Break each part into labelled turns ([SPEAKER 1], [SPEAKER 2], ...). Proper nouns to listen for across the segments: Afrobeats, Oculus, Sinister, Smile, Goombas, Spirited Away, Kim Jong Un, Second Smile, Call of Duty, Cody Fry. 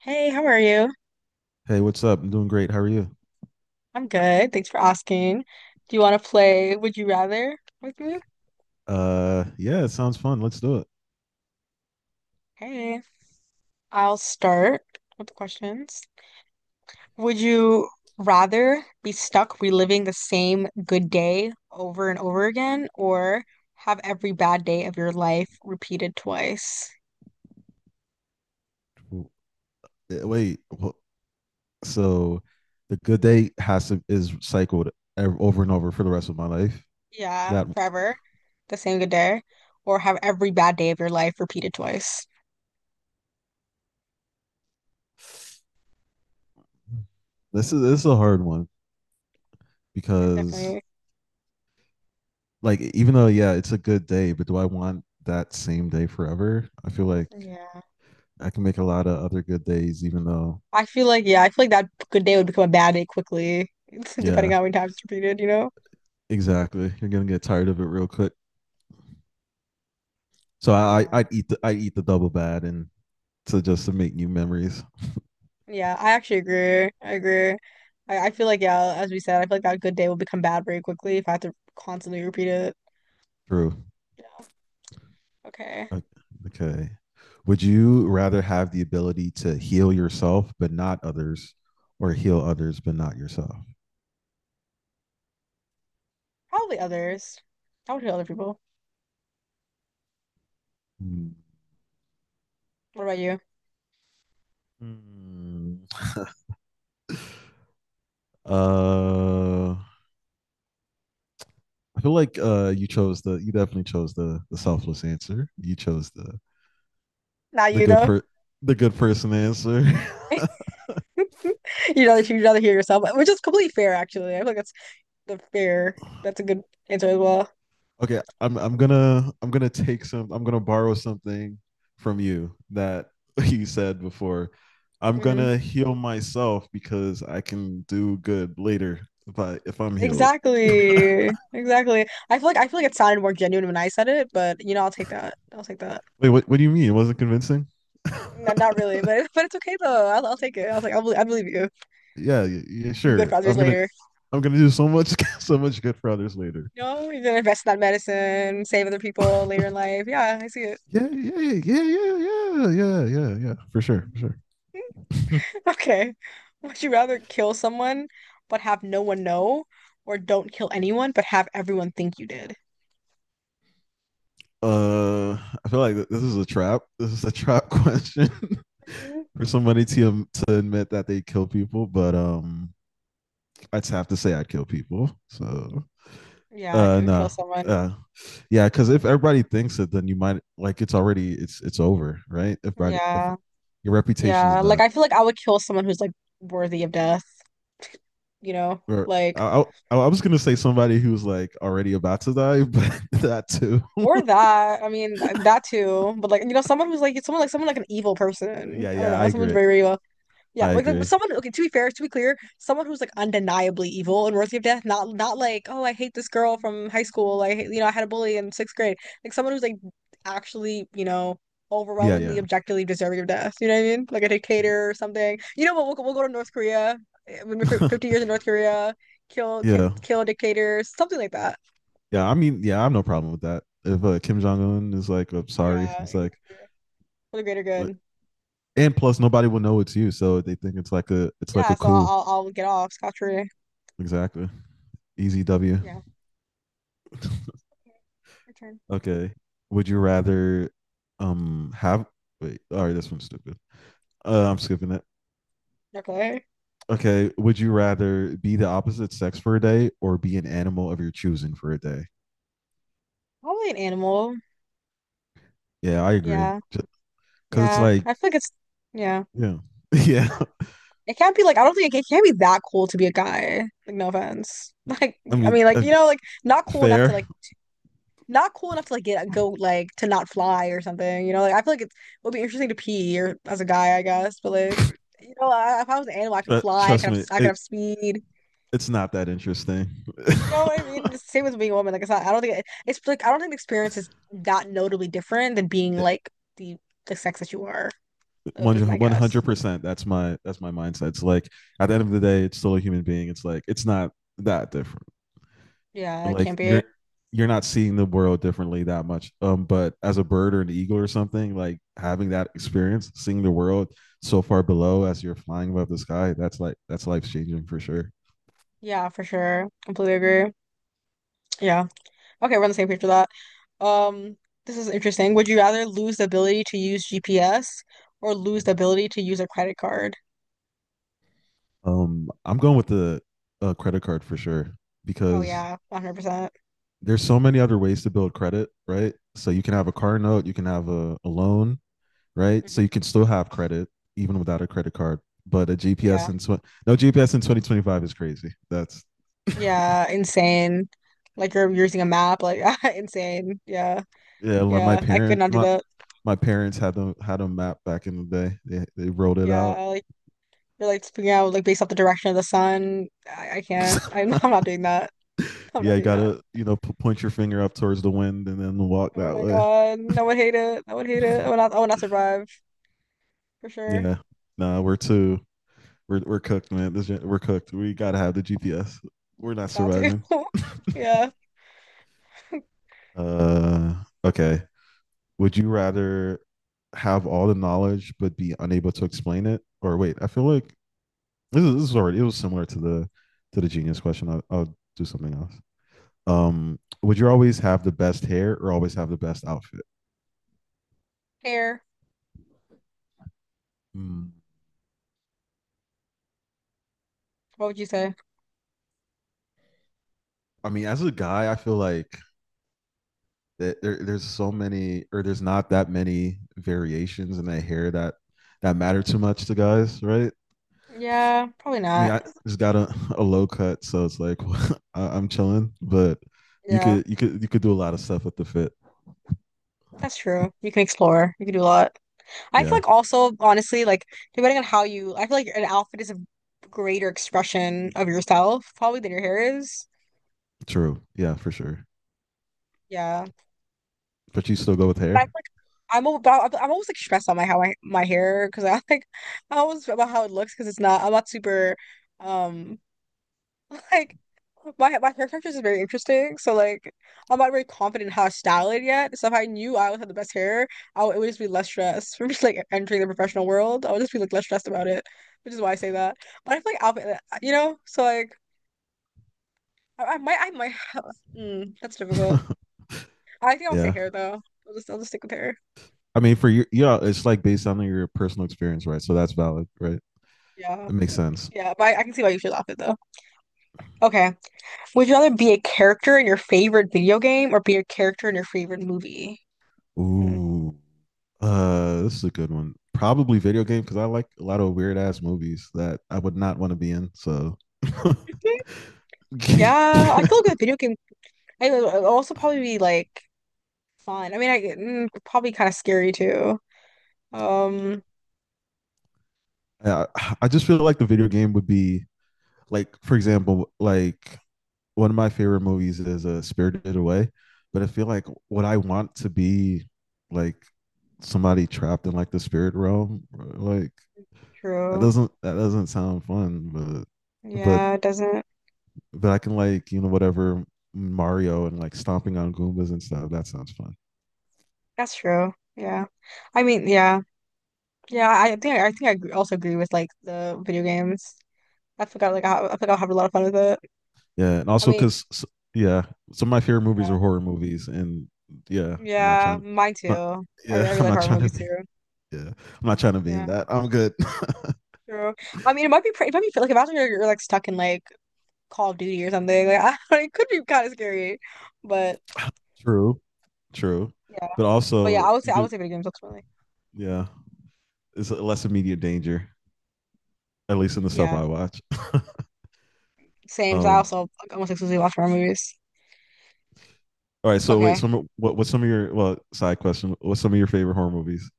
[SPEAKER 1] Hey, how are you?
[SPEAKER 2] Hey, what's up? I'm doing great. How are you?
[SPEAKER 1] I'm good. Thanks for asking. Do you want to play Would You Rather with me?
[SPEAKER 2] Yeah, it sounds fun. Let's do it.
[SPEAKER 1] Hey, I'll start with the questions. Would you rather be stuck reliving the same good day over and over again, or have every bad day of your life repeated twice?
[SPEAKER 2] W- Wait, so the good day has to is cycled over and over for the rest of my life.
[SPEAKER 1] Yeah,
[SPEAKER 2] That
[SPEAKER 1] forever. The same good day. Or have every bad day of your life repeated twice.
[SPEAKER 2] This is a hard one because
[SPEAKER 1] Definitely.
[SPEAKER 2] like even though yeah, it's a good day, but do I want that same day forever? I feel like
[SPEAKER 1] Yeah.
[SPEAKER 2] I can make a lot of other good days, even though.
[SPEAKER 1] I feel like that good day would become a bad day quickly, depending
[SPEAKER 2] Yeah,
[SPEAKER 1] on how many times it's repeated.
[SPEAKER 2] exactly. You're gonna get tired of it real quick. So
[SPEAKER 1] Yeah.
[SPEAKER 2] I'd eat the double bad and to just to make new memories.
[SPEAKER 1] Yeah, I actually agree. I agree. I feel like yeah, as we said, I feel like that good day will become bad very quickly if I have to constantly repeat it.
[SPEAKER 2] True.
[SPEAKER 1] Yeah. Okay.
[SPEAKER 2] O- Okay. Would you rather have the ability to heal yourself but not others, or heal others but not yourself?
[SPEAKER 1] Probably others. I would hear other people.
[SPEAKER 2] Hmm.
[SPEAKER 1] What about you?
[SPEAKER 2] Hmm. I feel like you chose the. You definitely chose the selfless answer. You chose
[SPEAKER 1] Not
[SPEAKER 2] the
[SPEAKER 1] you
[SPEAKER 2] good
[SPEAKER 1] though.
[SPEAKER 2] per the good person answer.
[SPEAKER 1] You'd rather hear yourself, which is completely fair actually. I feel like that's the fair. That's a good answer as well.
[SPEAKER 2] Okay, I'm gonna take some I'm gonna borrow something from you that you said before. I'm
[SPEAKER 1] Hmm
[SPEAKER 2] gonna heal myself because I can do good later if I'm healed.
[SPEAKER 1] Exactly. Exactly. I feel like it sounded more genuine when I said it, but I'll take that. I'll take that.
[SPEAKER 2] Wait, what do you mean? It wasn't convincing?
[SPEAKER 1] Not really, but but it's okay though. I'll take it. I'll take. I believe you.
[SPEAKER 2] yeah, yeah, yeah,
[SPEAKER 1] Do good
[SPEAKER 2] sure.
[SPEAKER 1] for others
[SPEAKER 2] I'm gonna
[SPEAKER 1] later.
[SPEAKER 2] I'm gonna do so much so much good for others later.
[SPEAKER 1] No, you're gonna invest in that medicine, save other people later in life. Yeah, I see it.
[SPEAKER 2] Yeah, yeah, yeah, yeah, yeah, yeah, yeah, yeah. For sure, for
[SPEAKER 1] Mhm.
[SPEAKER 2] sure.
[SPEAKER 1] Okay. Would you rather kill someone but have no one know, or don't kill anyone but have everyone think you did?
[SPEAKER 2] uh, I feel like this is a trap. This is a trap question.
[SPEAKER 1] Mhm.
[SPEAKER 2] For somebody to admit that they kill people, but I'd have to say I'd kill people. So
[SPEAKER 1] Yeah, I could kill
[SPEAKER 2] no,
[SPEAKER 1] someone.
[SPEAKER 2] uh, yeah, because if everybody thinks it, then you might like it's already it's over, right? If
[SPEAKER 1] Yeah.
[SPEAKER 2] your reputation is
[SPEAKER 1] Yeah. Like
[SPEAKER 2] done,
[SPEAKER 1] I feel like I would kill someone who's like worthy of death. you know,
[SPEAKER 2] or
[SPEAKER 1] like
[SPEAKER 2] I, I was gonna say somebody who's like already about to die, but that too.
[SPEAKER 1] or that. I mean, that too. But like, someone who's like someone like an evil person.
[SPEAKER 2] yeah,
[SPEAKER 1] I don't
[SPEAKER 2] yeah,
[SPEAKER 1] know.
[SPEAKER 2] I
[SPEAKER 1] Someone's
[SPEAKER 2] agree.
[SPEAKER 1] very, very evil. Yeah,
[SPEAKER 2] I
[SPEAKER 1] like
[SPEAKER 2] agree.
[SPEAKER 1] someone. Okay, to be fair, to be clear, someone who's like undeniably evil and worthy of death. Not not like, oh, I hate this girl from high school. I hate, I had a bully in sixth grade. Like someone who's like actually, you know.
[SPEAKER 2] Yeah,
[SPEAKER 1] Overwhelmingly,
[SPEAKER 2] yeah,
[SPEAKER 1] objectively deserving of death. You know what I mean? Like a dictator or something. You know what? We'll go to North Korea. We're 50 years in North Korea. Kill,
[SPEAKER 2] yeah,
[SPEAKER 1] kill a dictator. Something like that.
[SPEAKER 2] yeah. I mean, yeah, I have no problem with that. If Kim Jong Un is like, "I'm sorry,"
[SPEAKER 1] Yeah,
[SPEAKER 2] it's like,
[SPEAKER 1] exactly. For the greater good.
[SPEAKER 2] And plus, nobody will know it's you, so they think it's like a it's like
[SPEAKER 1] Yeah,
[SPEAKER 2] a
[SPEAKER 1] so I'll
[SPEAKER 2] coup.
[SPEAKER 1] I'll I'll get off scot-free.
[SPEAKER 2] Exactly. Easy W.
[SPEAKER 1] Yeah. Okay. Your turn.
[SPEAKER 2] okay. Would you rather have wait? All right, this one's stupid. I'm skipping it.
[SPEAKER 1] Okay.
[SPEAKER 2] Okay. Would you rather be the opposite sex for a day or be an animal of your choosing for a day?
[SPEAKER 1] Probably an animal.
[SPEAKER 2] Yeah, I agree.
[SPEAKER 1] Yeah.
[SPEAKER 2] Because it's
[SPEAKER 1] Yeah.
[SPEAKER 2] like,
[SPEAKER 1] I feel like it's yeah.
[SPEAKER 2] yeah, yeah.
[SPEAKER 1] It can't be like I don't think it, it can't be that cool to be a guy. Like no offense. Like
[SPEAKER 2] I
[SPEAKER 1] I
[SPEAKER 2] mean,
[SPEAKER 1] mean like you know like not cool enough to
[SPEAKER 2] fair.
[SPEAKER 1] like not cool enough to like get go like to not fly or something. You know like I feel like it's, it would be interesting to pee or as a guy I guess, but like you know I, if I was an animal I could fly
[SPEAKER 2] Trust me,
[SPEAKER 1] I could have speed.
[SPEAKER 2] it's not that interesting. it,
[SPEAKER 1] You know what I mean? It's the Same with being a woman. Like it's not, I don't think it, it's like I don't think the experience is that notably different than being like the the sex that you are, is my
[SPEAKER 2] one hundred
[SPEAKER 1] guess.
[SPEAKER 2] percent. That's my mindset. It's like at the end of the day, it's still a human being. It's like it's not that different.
[SPEAKER 1] Yeah, it
[SPEAKER 2] Like
[SPEAKER 1] can't be.
[SPEAKER 2] you're not seeing the world differently that much. But as a bird or an eagle or something, like having that experience, seeing the world so far below as you're flying above the sky, that's life changing for sure.
[SPEAKER 1] Yeah, for sure. Completely agree. Yeah. Okay, we're on the same page with that. Um, this is interesting. Would you rather lose the ability to use GPS or lose the ability to use a credit card?
[SPEAKER 2] I'm going with the credit card for sure
[SPEAKER 1] Oh
[SPEAKER 2] because
[SPEAKER 1] yeah, 100%.
[SPEAKER 2] there's so many other ways to build credit, right? So you can have a car note, you can have a loan, right? So
[SPEAKER 1] Hmm
[SPEAKER 2] you can still have credit even without a credit card. But a GPS
[SPEAKER 1] Yeah.
[SPEAKER 2] in no GPS in 2025 is crazy. That's
[SPEAKER 1] Yeah, insane. Like you're using a map, like insane. Yeah.
[SPEAKER 2] yeah. Like
[SPEAKER 1] Yeah, I could not do
[SPEAKER 2] my
[SPEAKER 1] that.
[SPEAKER 2] my parents had a map back in the day. They wrote it out.
[SPEAKER 1] Yeah, you're like speaking out like based off the direction of the sun. I can't. I'm, I'm not doing that. I'm
[SPEAKER 2] yeah,
[SPEAKER 1] not
[SPEAKER 2] you
[SPEAKER 1] doing that.
[SPEAKER 2] gotta you know point your finger up towards the wind and then walk
[SPEAKER 1] Oh
[SPEAKER 2] that
[SPEAKER 1] my
[SPEAKER 2] way.
[SPEAKER 1] God. I would hate it. I would hate it. I would not survive for sure.
[SPEAKER 2] Yeah, nah, we're cooked, man. This we're cooked. We gotta have the GPS. We're not
[SPEAKER 1] Got to.
[SPEAKER 2] surviving.
[SPEAKER 1] Yeah.
[SPEAKER 2] Uh, okay. Would you rather have all the knowledge but be unable to explain it? Or wait, I feel like this is already it was similar to the genius question. I'll do something else. Would you always have the best hair or always have the best outfit?
[SPEAKER 1] Hair.
[SPEAKER 2] Mm.
[SPEAKER 1] What would you say?
[SPEAKER 2] I mean, as a guy, I feel like that there's so many or there's not that many variations in that hair that matter too much to guys, right?
[SPEAKER 1] Yeah, probably
[SPEAKER 2] I mean, I
[SPEAKER 1] not.
[SPEAKER 2] just got a low cut, so it's like I'm chilling. But you
[SPEAKER 1] Yeah.
[SPEAKER 2] could you could you could do a lot of stuff with the fit.
[SPEAKER 1] That's true. You can explore. You can do a lot. I feel
[SPEAKER 2] Yeah,
[SPEAKER 1] like also, honestly, like depending on how you, I feel like an outfit is a greater expression of yourself probably than your hair is.
[SPEAKER 2] true. Yeah, for sure.
[SPEAKER 1] Yeah.
[SPEAKER 2] But you still go with
[SPEAKER 1] But I'm
[SPEAKER 2] hair.
[SPEAKER 1] like, I'm about, I'm almost like stressed on my how I, my hair because I like, I always about how it looks because it's not, I'm not super, um, like my hair texture is very interesting. So like, I'm not very confident in how to style it yet. So if I knew I would have the best hair, I would, it would just be less stressed from just like entering the professional world. I would just be like less stressed about it, which is why I say that. But I feel like outfit, you know, so like, I might, that's difficult. I think I'll say
[SPEAKER 2] yeah,
[SPEAKER 1] hair though. I'll just stick with hair.
[SPEAKER 2] I mean, for you, yeah, it's like based on your personal experience, right? So that's valid, right?
[SPEAKER 1] Yeah.
[SPEAKER 2] It makes sense.
[SPEAKER 1] Yeah, but I can see why you should laugh at though. Okay. Would you rather be a character in your favorite video game or be a character in your favorite movie? Hmm.
[SPEAKER 2] Ooh, this is a good one. Probably video game because I like a lot of weird ass movies that I would not want to be in. So
[SPEAKER 1] Mhm. Yeah, I feel like with a video game, I would it'd also probably be like fun. I mean, I probably kind of scary too. Um,
[SPEAKER 2] I, I just feel like the video game would be like for example, like one of my favorite movies is a Spirited Away, but I feel like what I want to be like somebody trapped in like the spirit realm, like that
[SPEAKER 1] true.
[SPEAKER 2] doesn't that doesn't sound fun, but but
[SPEAKER 1] Yeah, it doesn't.
[SPEAKER 2] but I can like you know whatever Mario and like stomping on Goombas and stuff. That sounds fun.
[SPEAKER 1] That's true. Yeah. I mean, yeah, yeah. I think I agree- also agree with like the video games. I forgot like I think I'll have a lot of fun with it.
[SPEAKER 2] Yeah, and
[SPEAKER 1] I
[SPEAKER 2] also
[SPEAKER 1] mean,
[SPEAKER 2] because yeah, some of my favorite movies
[SPEAKER 1] yeah.
[SPEAKER 2] are horror movies, and yeah, I'm not
[SPEAKER 1] Yeah,
[SPEAKER 2] trying,
[SPEAKER 1] mine
[SPEAKER 2] not
[SPEAKER 1] too.
[SPEAKER 2] yeah,
[SPEAKER 1] I really
[SPEAKER 2] I'm
[SPEAKER 1] like
[SPEAKER 2] not
[SPEAKER 1] horror
[SPEAKER 2] trying to
[SPEAKER 1] movies
[SPEAKER 2] be
[SPEAKER 1] too.
[SPEAKER 2] yeah, I'm not trying to be in
[SPEAKER 1] Yeah,
[SPEAKER 2] that. I'm good.
[SPEAKER 1] true. I mean, it might be pretty, it might be like if after you're like stuck in like Call of Duty or something, like I it could be kind of scary. But
[SPEAKER 2] true, true,
[SPEAKER 1] yeah,
[SPEAKER 2] but
[SPEAKER 1] but yeah,
[SPEAKER 2] also you
[SPEAKER 1] I would
[SPEAKER 2] could
[SPEAKER 1] say video games ultimately.
[SPEAKER 2] yeah, it's less immediate danger, at least in the stuff
[SPEAKER 1] Yeah,
[SPEAKER 2] I watch.
[SPEAKER 1] same. 'Cause I
[SPEAKER 2] Um,
[SPEAKER 1] also like, almost exclusively watch horror movies.
[SPEAKER 2] all right, so wait,
[SPEAKER 1] Okay.
[SPEAKER 2] some what's some of your well side question? What's some of your favorite horror movies?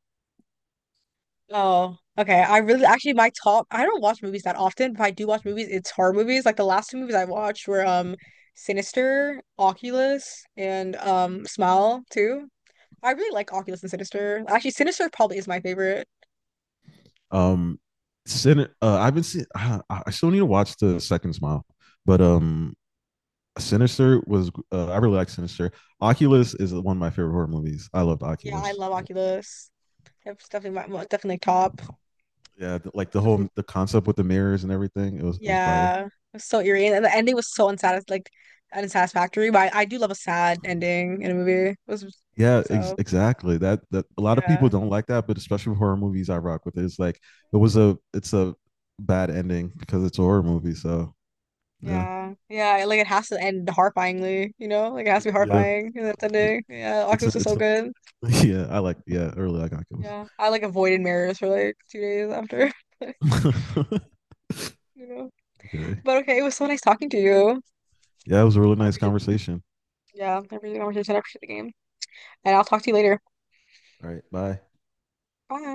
[SPEAKER 1] Oh, okay. I really actually my top. I don't watch movies that often, but if I do watch movies, it's horror movies. Like the last two movies I watched were Sinister, Oculus, and Smile too. I really like Oculus and Sinister. Actually, Sinister probably is my favorite.
[SPEAKER 2] Um, Sinister. I've been seeing. I still need to watch the Second Smile, but Sinister was. I really like Sinister. Oculus is one of my favorite horror movies. I loved
[SPEAKER 1] Yeah, I
[SPEAKER 2] Oculus.
[SPEAKER 1] love Oculus. It's definitely my well, definitely top.
[SPEAKER 2] Yeah, like
[SPEAKER 1] Definitely,
[SPEAKER 2] the concept with the mirrors and everything. It was fire.
[SPEAKER 1] yeah, it was so eerie, and the ending was so unsatis like unsatisfactory. But I do love a sad ending in a movie. It was
[SPEAKER 2] Yeah,
[SPEAKER 1] so
[SPEAKER 2] exactly. That a lot of people
[SPEAKER 1] yeah,
[SPEAKER 2] don't like that, but especially with horror movies, I rock with it. It's like it's a bad ending because it's a horror movie. So yeah,
[SPEAKER 1] yeah. Like it has to end horrifyingly, you know? Like it has to be
[SPEAKER 2] yeah,
[SPEAKER 1] horrifying in that
[SPEAKER 2] yeah.
[SPEAKER 1] ending. Yeah,
[SPEAKER 2] It's a,
[SPEAKER 1] Oculus was so
[SPEAKER 2] it's a,
[SPEAKER 1] good.
[SPEAKER 2] yeah. I like yeah. Early I got kills.
[SPEAKER 1] Yeah, I like avoided mirrors for like 2 days after, you know.
[SPEAKER 2] Okay.
[SPEAKER 1] But okay, it was so nice talking to you.
[SPEAKER 2] Yeah, it was a really
[SPEAKER 1] I
[SPEAKER 2] nice
[SPEAKER 1] appreciate
[SPEAKER 2] conversation.
[SPEAKER 1] Yeah, every conversation after the game. And I'll talk to you later.
[SPEAKER 2] All right. Bye.
[SPEAKER 1] Bye.